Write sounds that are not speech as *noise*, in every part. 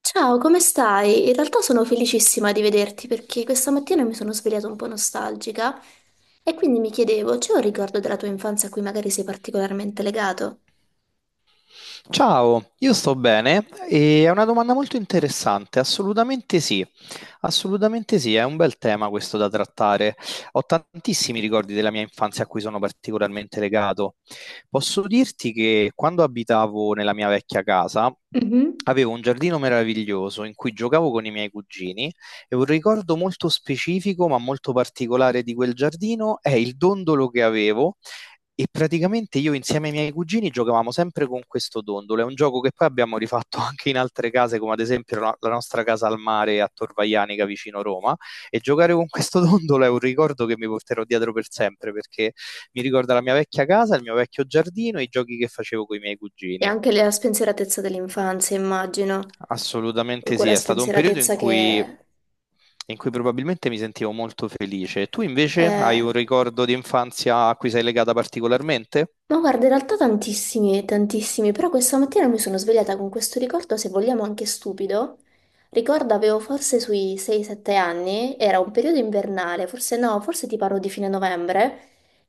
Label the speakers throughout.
Speaker 1: Ciao, come stai? In realtà sono felicissima di vederti perché questa mattina mi sono svegliata un po' nostalgica e quindi mi chiedevo, c'è un ricordo della tua infanzia a cui magari sei particolarmente legato?
Speaker 2: Ciao, io sto bene e è una domanda molto interessante, assolutamente sì. Assolutamente sì, è un bel tema questo da trattare. Ho tantissimi ricordi della mia infanzia a cui sono particolarmente legato. Posso dirti che quando abitavo nella mia vecchia casa
Speaker 1: Mhm.
Speaker 2: avevo un giardino meraviglioso in cui giocavo con i miei cugini e un ricordo molto specifico ma molto particolare di quel giardino è il dondolo che avevo e praticamente io insieme ai miei cugini giocavamo sempre con questo dondolo. È un gioco che poi abbiamo rifatto *laughs* anche in altre case, come ad esempio la nostra casa al mare a Torvaianica vicino Roma. E giocare con questo *laughs* dondolo è un ricordo che mi porterò dietro per sempre, perché mi ricorda la mia vecchia casa, il mio vecchio giardino e i giochi che facevo con i miei
Speaker 1: E
Speaker 2: cugini.
Speaker 1: anche la spensieratezza dell'infanzia, immagino,
Speaker 2: Assolutamente sì,
Speaker 1: quella
Speaker 2: è stato un periodo
Speaker 1: spensieratezza che
Speaker 2: in cui probabilmente mi sentivo molto felice. Tu invece hai
Speaker 1: è...
Speaker 2: un ricordo di infanzia a cui sei legata particolarmente?
Speaker 1: Ma guarda, in realtà tantissimi, però questa mattina mi sono svegliata con questo ricordo, se vogliamo anche stupido. Ricordo avevo forse sui 6-7 anni, era un periodo invernale, forse no, forse ti parlo di fine novembre,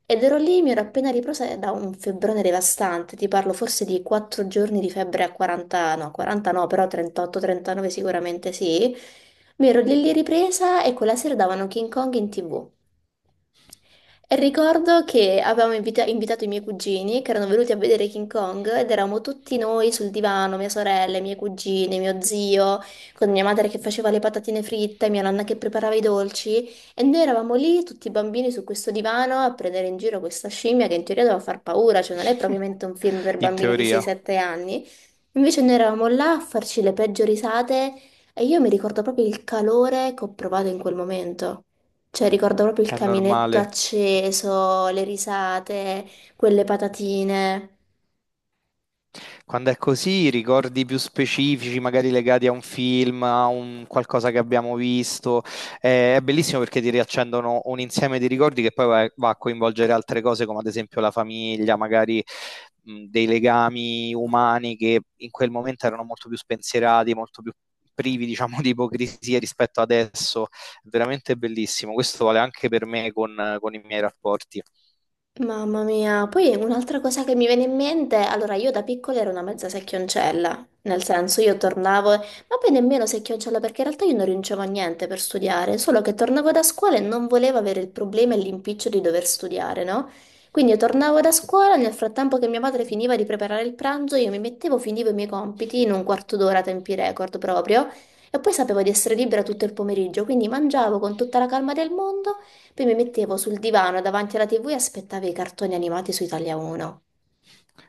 Speaker 1: ed ero lì, mi ero appena ripresa da un febbrone devastante, ti parlo forse di 4 giorni di febbre a 40, no, 40 no, però 38-39 sicuramente sì. Mi ero lì lì ripresa e quella sera davano King Kong in TV. E ricordo che avevamo invitato i miei cugini che erano venuti a vedere King Kong ed eravamo tutti noi sul divano, mia sorella, i miei cugini, mio zio, con mia madre che faceva le patatine fritte, mia nonna che preparava i dolci e noi eravamo lì tutti
Speaker 2: *laughs*
Speaker 1: bambini su questo divano a prendere in giro questa scimmia che in teoria doveva far paura, cioè non è propriamente un film per
Speaker 2: In
Speaker 1: bambini di
Speaker 2: teoria
Speaker 1: 6-7 anni. Invece noi eravamo là a farci le peggio risate e io mi ricordo proprio il calore che ho provato in quel momento. Cioè, ricordo proprio il
Speaker 2: è
Speaker 1: caminetto
Speaker 2: normale.
Speaker 1: acceso, le risate, quelle patatine.
Speaker 2: Quando è così, ricordi più specifici, magari legati a un film, a un qualcosa che abbiamo visto, è bellissimo perché ti riaccendono un insieme di ricordi che poi va a coinvolgere altre cose, come ad esempio la famiglia, magari dei legami umani che in quel momento erano molto più spensierati, molto più privi, diciamo, di ipocrisia rispetto adesso. È veramente bellissimo. Questo vale anche per me con i miei rapporti.
Speaker 1: Mamma mia, poi un'altra cosa che mi viene in mente, allora io da piccola ero una mezza secchioncella, nel senso io tornavo, ma poi nemmeno secchioncella perché in realtà io non rincevo a niente per studiare, solo che tornavo da scuola e non volevo avere il problema e l'impiccio di dover studiare, no? Quindi io tornavo da scuola, nel frattempo che mia madre finiva di preparare il pranzo, io mi mettevo, finivo i miei compiti in un quarto d'ora, tempi record proprio, e poi sapevo di essere libera tutto il pomeriggio, quindi mangiavo con tutta la calma del mondo. Poi mi mettevo sul divano davanti alla TV e aspettavo i cartoni animati su Italia 1.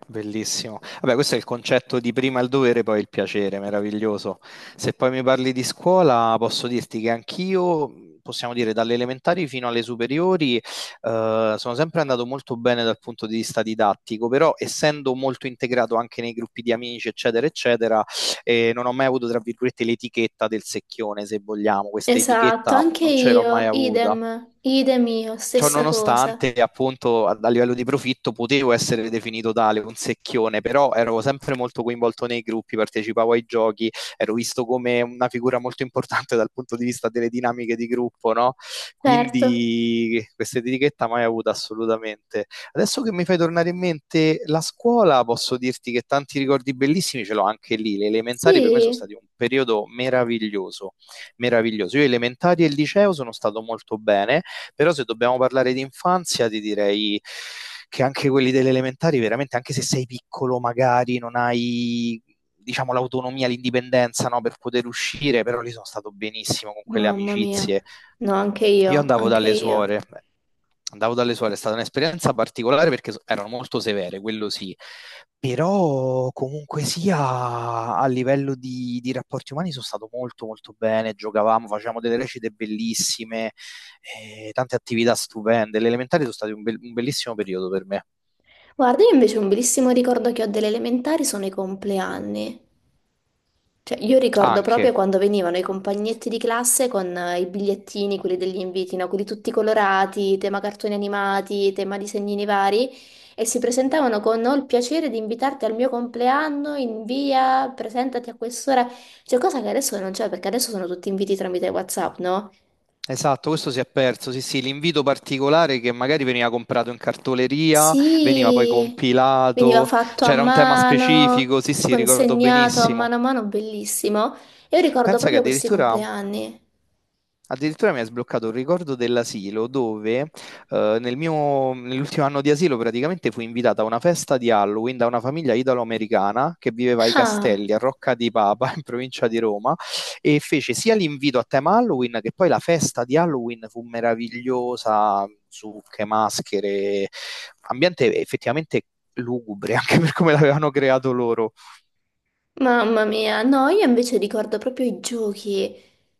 Speaker 2: Bellissimo. Vabbè, questo è il concetto di prima il dovere, poi il piacere, meraviglioso. Se poi mi parli di scuola, posso dirti che anch'io, possiamo dire, dalle elementari fino alle superiori, sono sempre andato molto bene dal punto di vista didattico, però essendo molto integrato anche nei gruppi di amici, eccetera, eccetera, non ho mai avuto, tra virgolette, l'etichetta del secchione, se vogliamo. Questa
Speaker 1: Esatto,
Speaker 2: etichetta
Speaker 1: anche
Speaker 2: non ce l'ho mai
Speaker 1: io,
Speaker 2: avuta.
Speaker 1: idem, idem io,
Speaker 2: Ciò
Speaker 1: stessa cosa.
Speaker 2: nonostante, appunto, a livello di profitto potevo essere definito tale, un secchione, però ero sempre molto coinvolto nei gruppi, partecipavo ai giochi, ero visto come una figura molto importante dal punto di vista delle dinamiche di gruppo, no?
Speaker 1: Certo.
Speaker 2: Quindi questa etichetta mai avuta assolutamente. Adesso che mi fai tornare in mente la scuola, posso dirti che tanti ricordi bellissimi ce l'ho anche lì. Le elementari per me sono
Speaker 1: Sì,
Speaker 2: stati un periodo meraviglioso, meraviglioso. Io elementari e liceo sono stato molto bene però se dobbiamo parlare di infanzia, ti direi che anche quelli delle elementari, veramente, anche se sei piccolo, magari non hai diciamo l'autonomia, l'indipendenza no, per poter uscire, però lì sono stato benissimo con quelle
Speaker 1: mamma mia.
Speaker 2: amicizie,
Speaker 1: No, anche
Speaker 2: io
Speaker 1: io, anche io.
Speaker 2: andavo dalle suore, è stata un'esperienza particolare perché erano molto severe, quello sì, però comunque sia a livello di rapporti umani sono stato molto molto bene, giocavamo, facevamo delle recite bellissime, tante attività stupende, le elementari sono state un bellissimo periodo per me,
Speaker 1: Guarda, io invece un bellissimo ricordo che ho delle elementari sono i compleanni. Cioè, io ricordo proprio
Speaker 2: anche.
Speaker 1: quando venivano i compagnetti di classe con i bigliettini, quelli degli inviti, no? Quelli tutti colorati, tema cartoni animati, tema disegnini vari, e si presentavano con ho il piacere di invitarti al mio compleanno in via, presentati a quest'ora. Cioè, cosa che adesso non c'è, perché adesso sono tutti inviti tramite WhatsApp, no?
Speaker 2: Esatto, questo si è perso. Sì, sì, l'invito particolare che magari veniva comprato in cartoleria, veniva poi
Speaker 1: Sì, veniva
Speaker 2: compilato,
Speaker 1: fatto a
Speaker 2: c'era un tema
Speaker 1: mano,
Speaker 2: specifico. Sì, sì, ricordo
Speaker 1: consegnato
Speaker 2: benissimo.
Speaker 1: a mano, bellissimo. E io ricordo
Speaker 2: Pensa che
Speaker 1: proprio questi
Speaker 2: addirittura
Speaker 1: compleanni.
Speaker 2: Addirittura mi ha sbloccato un ricordo dell'asilo dove nell'ultimo anno di asilo praticamente fui invitata a una festa di Halloween da una famiglia italo-americana che viveva ai
Speaker 1: Ah!
Speaker 2: Castelli a Rocca di Papa *laughs* in provincia di Roma e fece sia l'invito a tema Halloween che poi la festa di Halloween fu meravigliosa, zucche, maschere, ambiente effettivamente lugubre *laughs* anche per come l'avevano creato loro.
Speaker 1: Mamma mia, no, io invece ricordo proprio i giochi,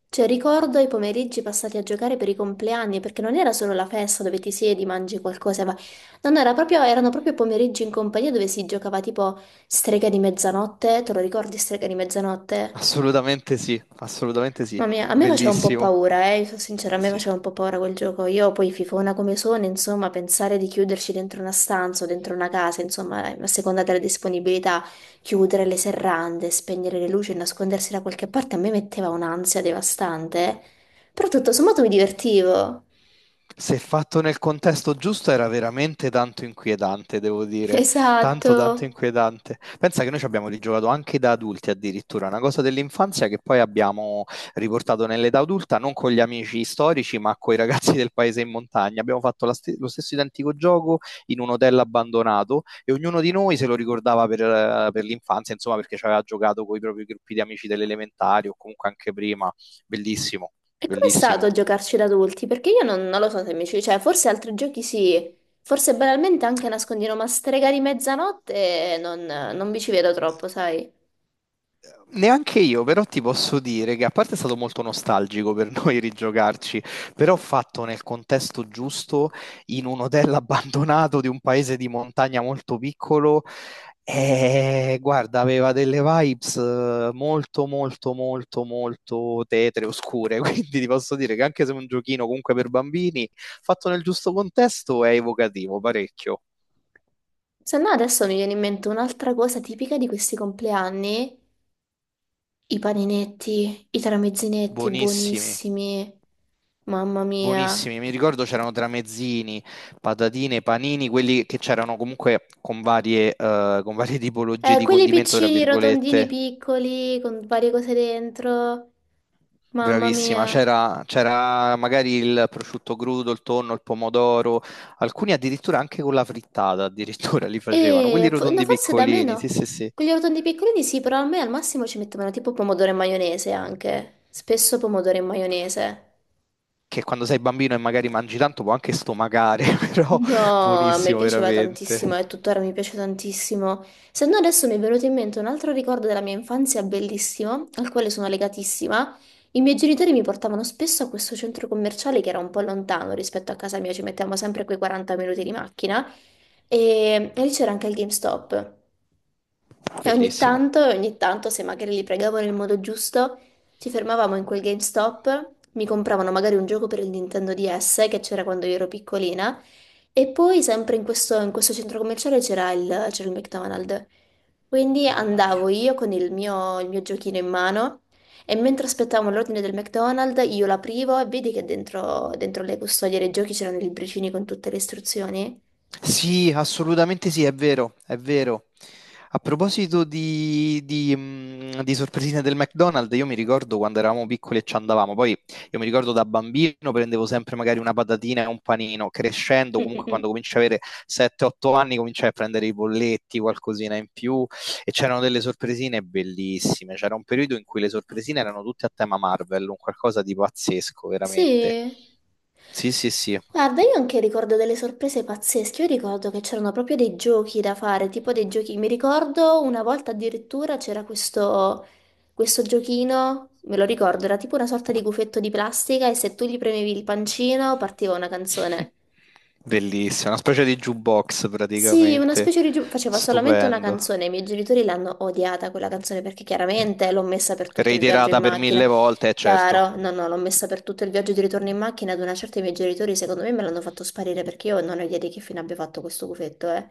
Speaker 1: cioè ricordo i pomeriggi passati a giocare per i compleanni, perché non era solo la festa dove ti siedi, mangi qualcosa, ma non era proprio, erano proprio pomeriggi in compagnia dove si giocava tipo strega di mezzanotte, te lo ricordi strega di mezzanotte?
Speaker 2: Assolutamente sì,
Speaker 1: Mamma mia, a me faceva un po'
Speaker 2: bellissimo.
Speaker 1: paura, io sono sincera, a me
Speaker 2: Sì.
Speaker 1: faceva un po' paura quel gioco. Io poi fifona come sono, insomma, pensare di chiuderci dentro una stanza o dentro una casa, insomma, a seconda della disponibilità, chiudere le serrande, spegnere le luci e nascondersi da qualche parte, a me metteva un'ansia devastante, eh. Però tutto sommato mi divertivo.
Speaker 2: Se fatto nel contesto giusto era veramente tanto inquietante, devo
Speaker 1: *laughs*
Speaker 2: dire, tanto tanto
Speaker 1: Esatto.
Speaker 2: inquietante. Pensa che noi ci abbiamo rigiocato anche da adulti addirittura, una cosa dell'infanzia che poi abbiamo riportato nell'età adulta, non con gli amici storici, ma con i ragazzi del paese in montagna. Abbiamo fatto lo stesso identico gioco in un hotel abbandonato e ognuno di noi se lo ricordava per l'infanzia, insomma, perché ci aveva giocato con i propri gruppi di amici delle elementari o comunque anche prima. Bellissimo,
Speaker 1: E com'è
Speaker 2: bellissimo.
Speaker 1: stato giocarci da adulti? Perché io non lo so se mi ci... Cioè, forse altri giochi sì, forse banalmente anche nascondino, ma Stregari Mezzanotte non vi ci vedo troppo, sai?
Speaker 2: Neanche io, però ti posso dire che a parte è stato molto nostalgico per noi *laughs* rigiocarci, però fatto nel contesto giusto, in un hotel *laughs* abbandonato di un paese di montagna molto piccolo, guarda, aveva delle vibes molto, molto, molto, molto tetre, oscure, *laughs* quindi ti posso dire che anche se è un giochino comunque per bambini, fatto nel giusto contesto è evocativo, parecchio.
Speaker 1: Se no adesso mi viene in mente un'altra cosa tipica di questi compleanni, i paninetti, i tramezzinetti
Speaker 2: Buonissimi.
Speaker 1: buonissimi, mamma mia.
Speaker 2: Buonissimi, mi ricordo c'erano tramezzini, patatine, panini, quelli che c'erano comunque con varie *laughs* tipologie di
Speaker 1: Quelli
Speaker 2: condimento, tra
Speaker 1: piccini, rotondini,
Speaker 2: virgolette.
Speaker 1: piccoli, con varie cose dentro, mamma
Speaker 2: Bravissima,
Speaker 1: mia.
Speaker 2: c'era magari il prosciutto crudo, il tonno, il pomodoro, alcuni addirittura anche con la frittata, addirittura *laughs* li facevano, quelli
Speaker 1: E no,
Speaker 2: rotondi
Speaker 1: forse da me
Speaker 2: piccolini, sì,
Speaker 1: no.
Speaker 2: sì, sì,
Speaker 1: Quelli rotondi piccolini sì, però a me al massimo ci mettevano tipo pomodoro e maionese anche. Spesso pomodoro e maionese.
Speaker 2: che quando sei bambino e magari mangi tanto può anche stomacare, *laughs* però
Speaker 1: No, a me
Speaker 2: buonissimo
Speaker 1: piaceva tantissimo
Speaker 2: veramente,
Speaker 1: e tuttora mi piace tantissimo. Se no adesso mi è venuto in mente un altro ricordo della mia infanzia bellissimo, al quale sono legatissima. I miei genitori mi portavano spesso a questo centro commerciale che era un po' lontano rispetto a casa mia, ci mettevamo sempre quei 40 minuti di macchina. E lì c'era anche il GameStop. E ogni
Speaker 2: bellissimo,
Speaker 1: tanto, ogni tanto, se magari li pregavo nel modo giusto, ci fermavamo in quel GameStop, mi compravano magari un gioco per il Nintendo DS che c'era quando io ero piccolina, e poi sempre in questo centro commerciale c'era il McDonald's. Quindi
Speaker 2: mamma
Speaker 1: andavo
Speaker 2: mia.
Speaker 1: io con il mio giochino in mano e mentre aspettavo l'ordine del McDonald's io l'aprivo e vedi che dentro le custodie dei giochi c'erano i libricini con tutte le istruzioni.
Speaker 2: Sì, assolutamente sì, è vero, è vero. A proposito di sorpresine del McDonald's, io mi ricordo quando eravamo piccoli e ci andavamo, poi io mi ricordo da bambino prendevo sempre magari una patatina e un panino, crescendo
Speaker 1: Mm, mm,
Speaker 2: comunque quando
Speaker 1: mm.
Speaker 2: cominci a avere 7-8 anni cominciai a prendere i bolletti, qualcosina in più e c'erano delle sorpresine bellissime, c'era un periodo in cui le sorpresine erano tutte a tema Marvel, un qualcosa di pazzesco, veramente.
Speaker 1: Sì.
Speaker 2: Sì, sì, sì.
Speaker 1: Guarda, io anche ricordo delle sorprese pazzesche. Io ricordo che c'erano proprio dei giochi da fare, tipo dei giochi. Mi ricordo una volta addirittura c'era questo, questo giochino, me lo ricordo, era tipo una sorta di gufetto di plastica e se tu gli premevi il pancino partiva una
Speaker 2: *laughs*
Speaker 1: canzone.
Speaker 2: Bellissimo, una specie di jukebox
Speaker 1: Sì, una
Speaker 2: praticamente,
Speaker 1: specie di... faceva solamente una
Speaker 2: stupendo.
Speaker 1: canzone, i miei genitori l'hanno odiata quella canzone perché chiaramente l'ho messa per tutto il viaggio in
Speaker 2: Reiterata per
Speaker 1: macchina.
Speaker 2: mille volte, certo.
Speaker 1: Chiaro, no, no, l'ho messa per tutto il viaggio di ritorno in macchina, ad una certa i miei genitori secondo me me l'hanno fatto sparire perché io non ho idea di che fine abbia fatto questo gufetto, eh.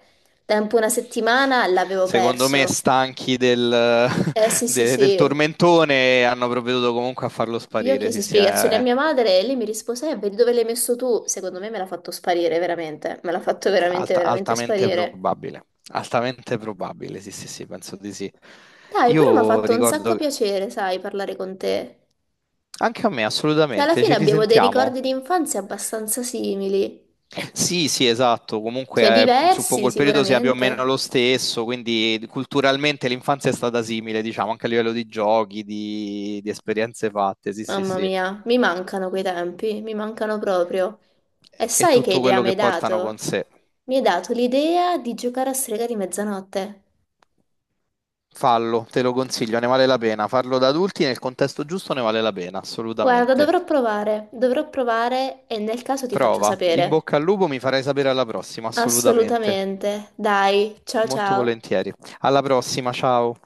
Speaker 1: Tempo una settimana l'avevo
Speaker 2: Secondo me,
Speaker 1: perso.
Speaker 2: stanchi del,
Speaker 1: Eh
Speaker 2: *laughs*
Speaker 1: sì, sì,
Speaker 2: del
Speaker 1: sì.
Speaker 2: tormentone, hanno provveduto comunque a farlo
Speaker 1: Io
Speaker 2: sparire. Sì,
Speaker 1: chiesi
Speaker 2: sì,
Speaker 1: spiegazioni a
Speaker 2: è
Speaker 1: mia madre e lei mi rispose, vedi dove l'hai messo tu? Secondo me me l'ha fatto sparire, veramente. Me l'ha fatto veramente, veramente
Speaker 2: altamente
Speaker 1: sparire.
Speaker 2: probabile. Altamente probabile, sì, sì, sì, penso di sì.
Speaker 1: Dai, però mi ha
Speaker 2: Io
Speaker 1: fatto un sacco
Speaker 2: ricordo.
Speaker 1: piacere, sai, parlare con te.
Speaker 2: Anche a me,
Speaker 1: Cioè, alla
Speaker 2: assolutamente,
Speaker 1: fine
Speaker 2: ci
Speaker 1: abbiamo dei ricordi
Speaker 2: risentiamo.
Speaker 1: di infanzia abbastanza simili,
Speaker 2: Sì, sì, esatto,
Speaker 1: cioè
Speaker 2: comunque suppongo
Speaker 1: diversi
Speaker 2: il periodo sia più o meno
Speaker 1: sicuramente.
Speaker 2: lo stesso, quindi culturalmente l'infanzia è stata simile, diciamo, anche a livello di giochi, di esperienze fatte, sì, sì,
Speaker 1: Mamma
Speaker 2: sì,
Speaker 1: mia, mi mancano quei tempi, mi mancano proprio. E
Speaker 2: e
Speaker 1: sai che
Speaker 2: tutto
Speaker 1: idea
Speaker 2: quello
Speaker 1: mi hai
Speaker 2: che portano con
Speaker 1: dato?
Speaker 2: sé.
Speaker 1: Mi hai dato l'idea di giocare a strega di mezzanotte.
Speaker 2: Fallo, te lo consiglio, ne vale la pena. Farlo da adulti nel contesto giusto ne vale la pena,
Speaker 1: Guarda,
Speaker 2: assolutamente.
Speaker 1: dovrò provare e nel caso ti faccio
Speaker 2: Prova, in
Speaker 1: sapere.
Speaker 2: bocca al lupo, mi farai sapere alla prossima, assolutamente.
Speaker 1: Assolutamente. Dai, ciao
Speaker 2: Molto
Speaker 1: ciao.
Speaker 2: volentieri. Alla prossima, ciao.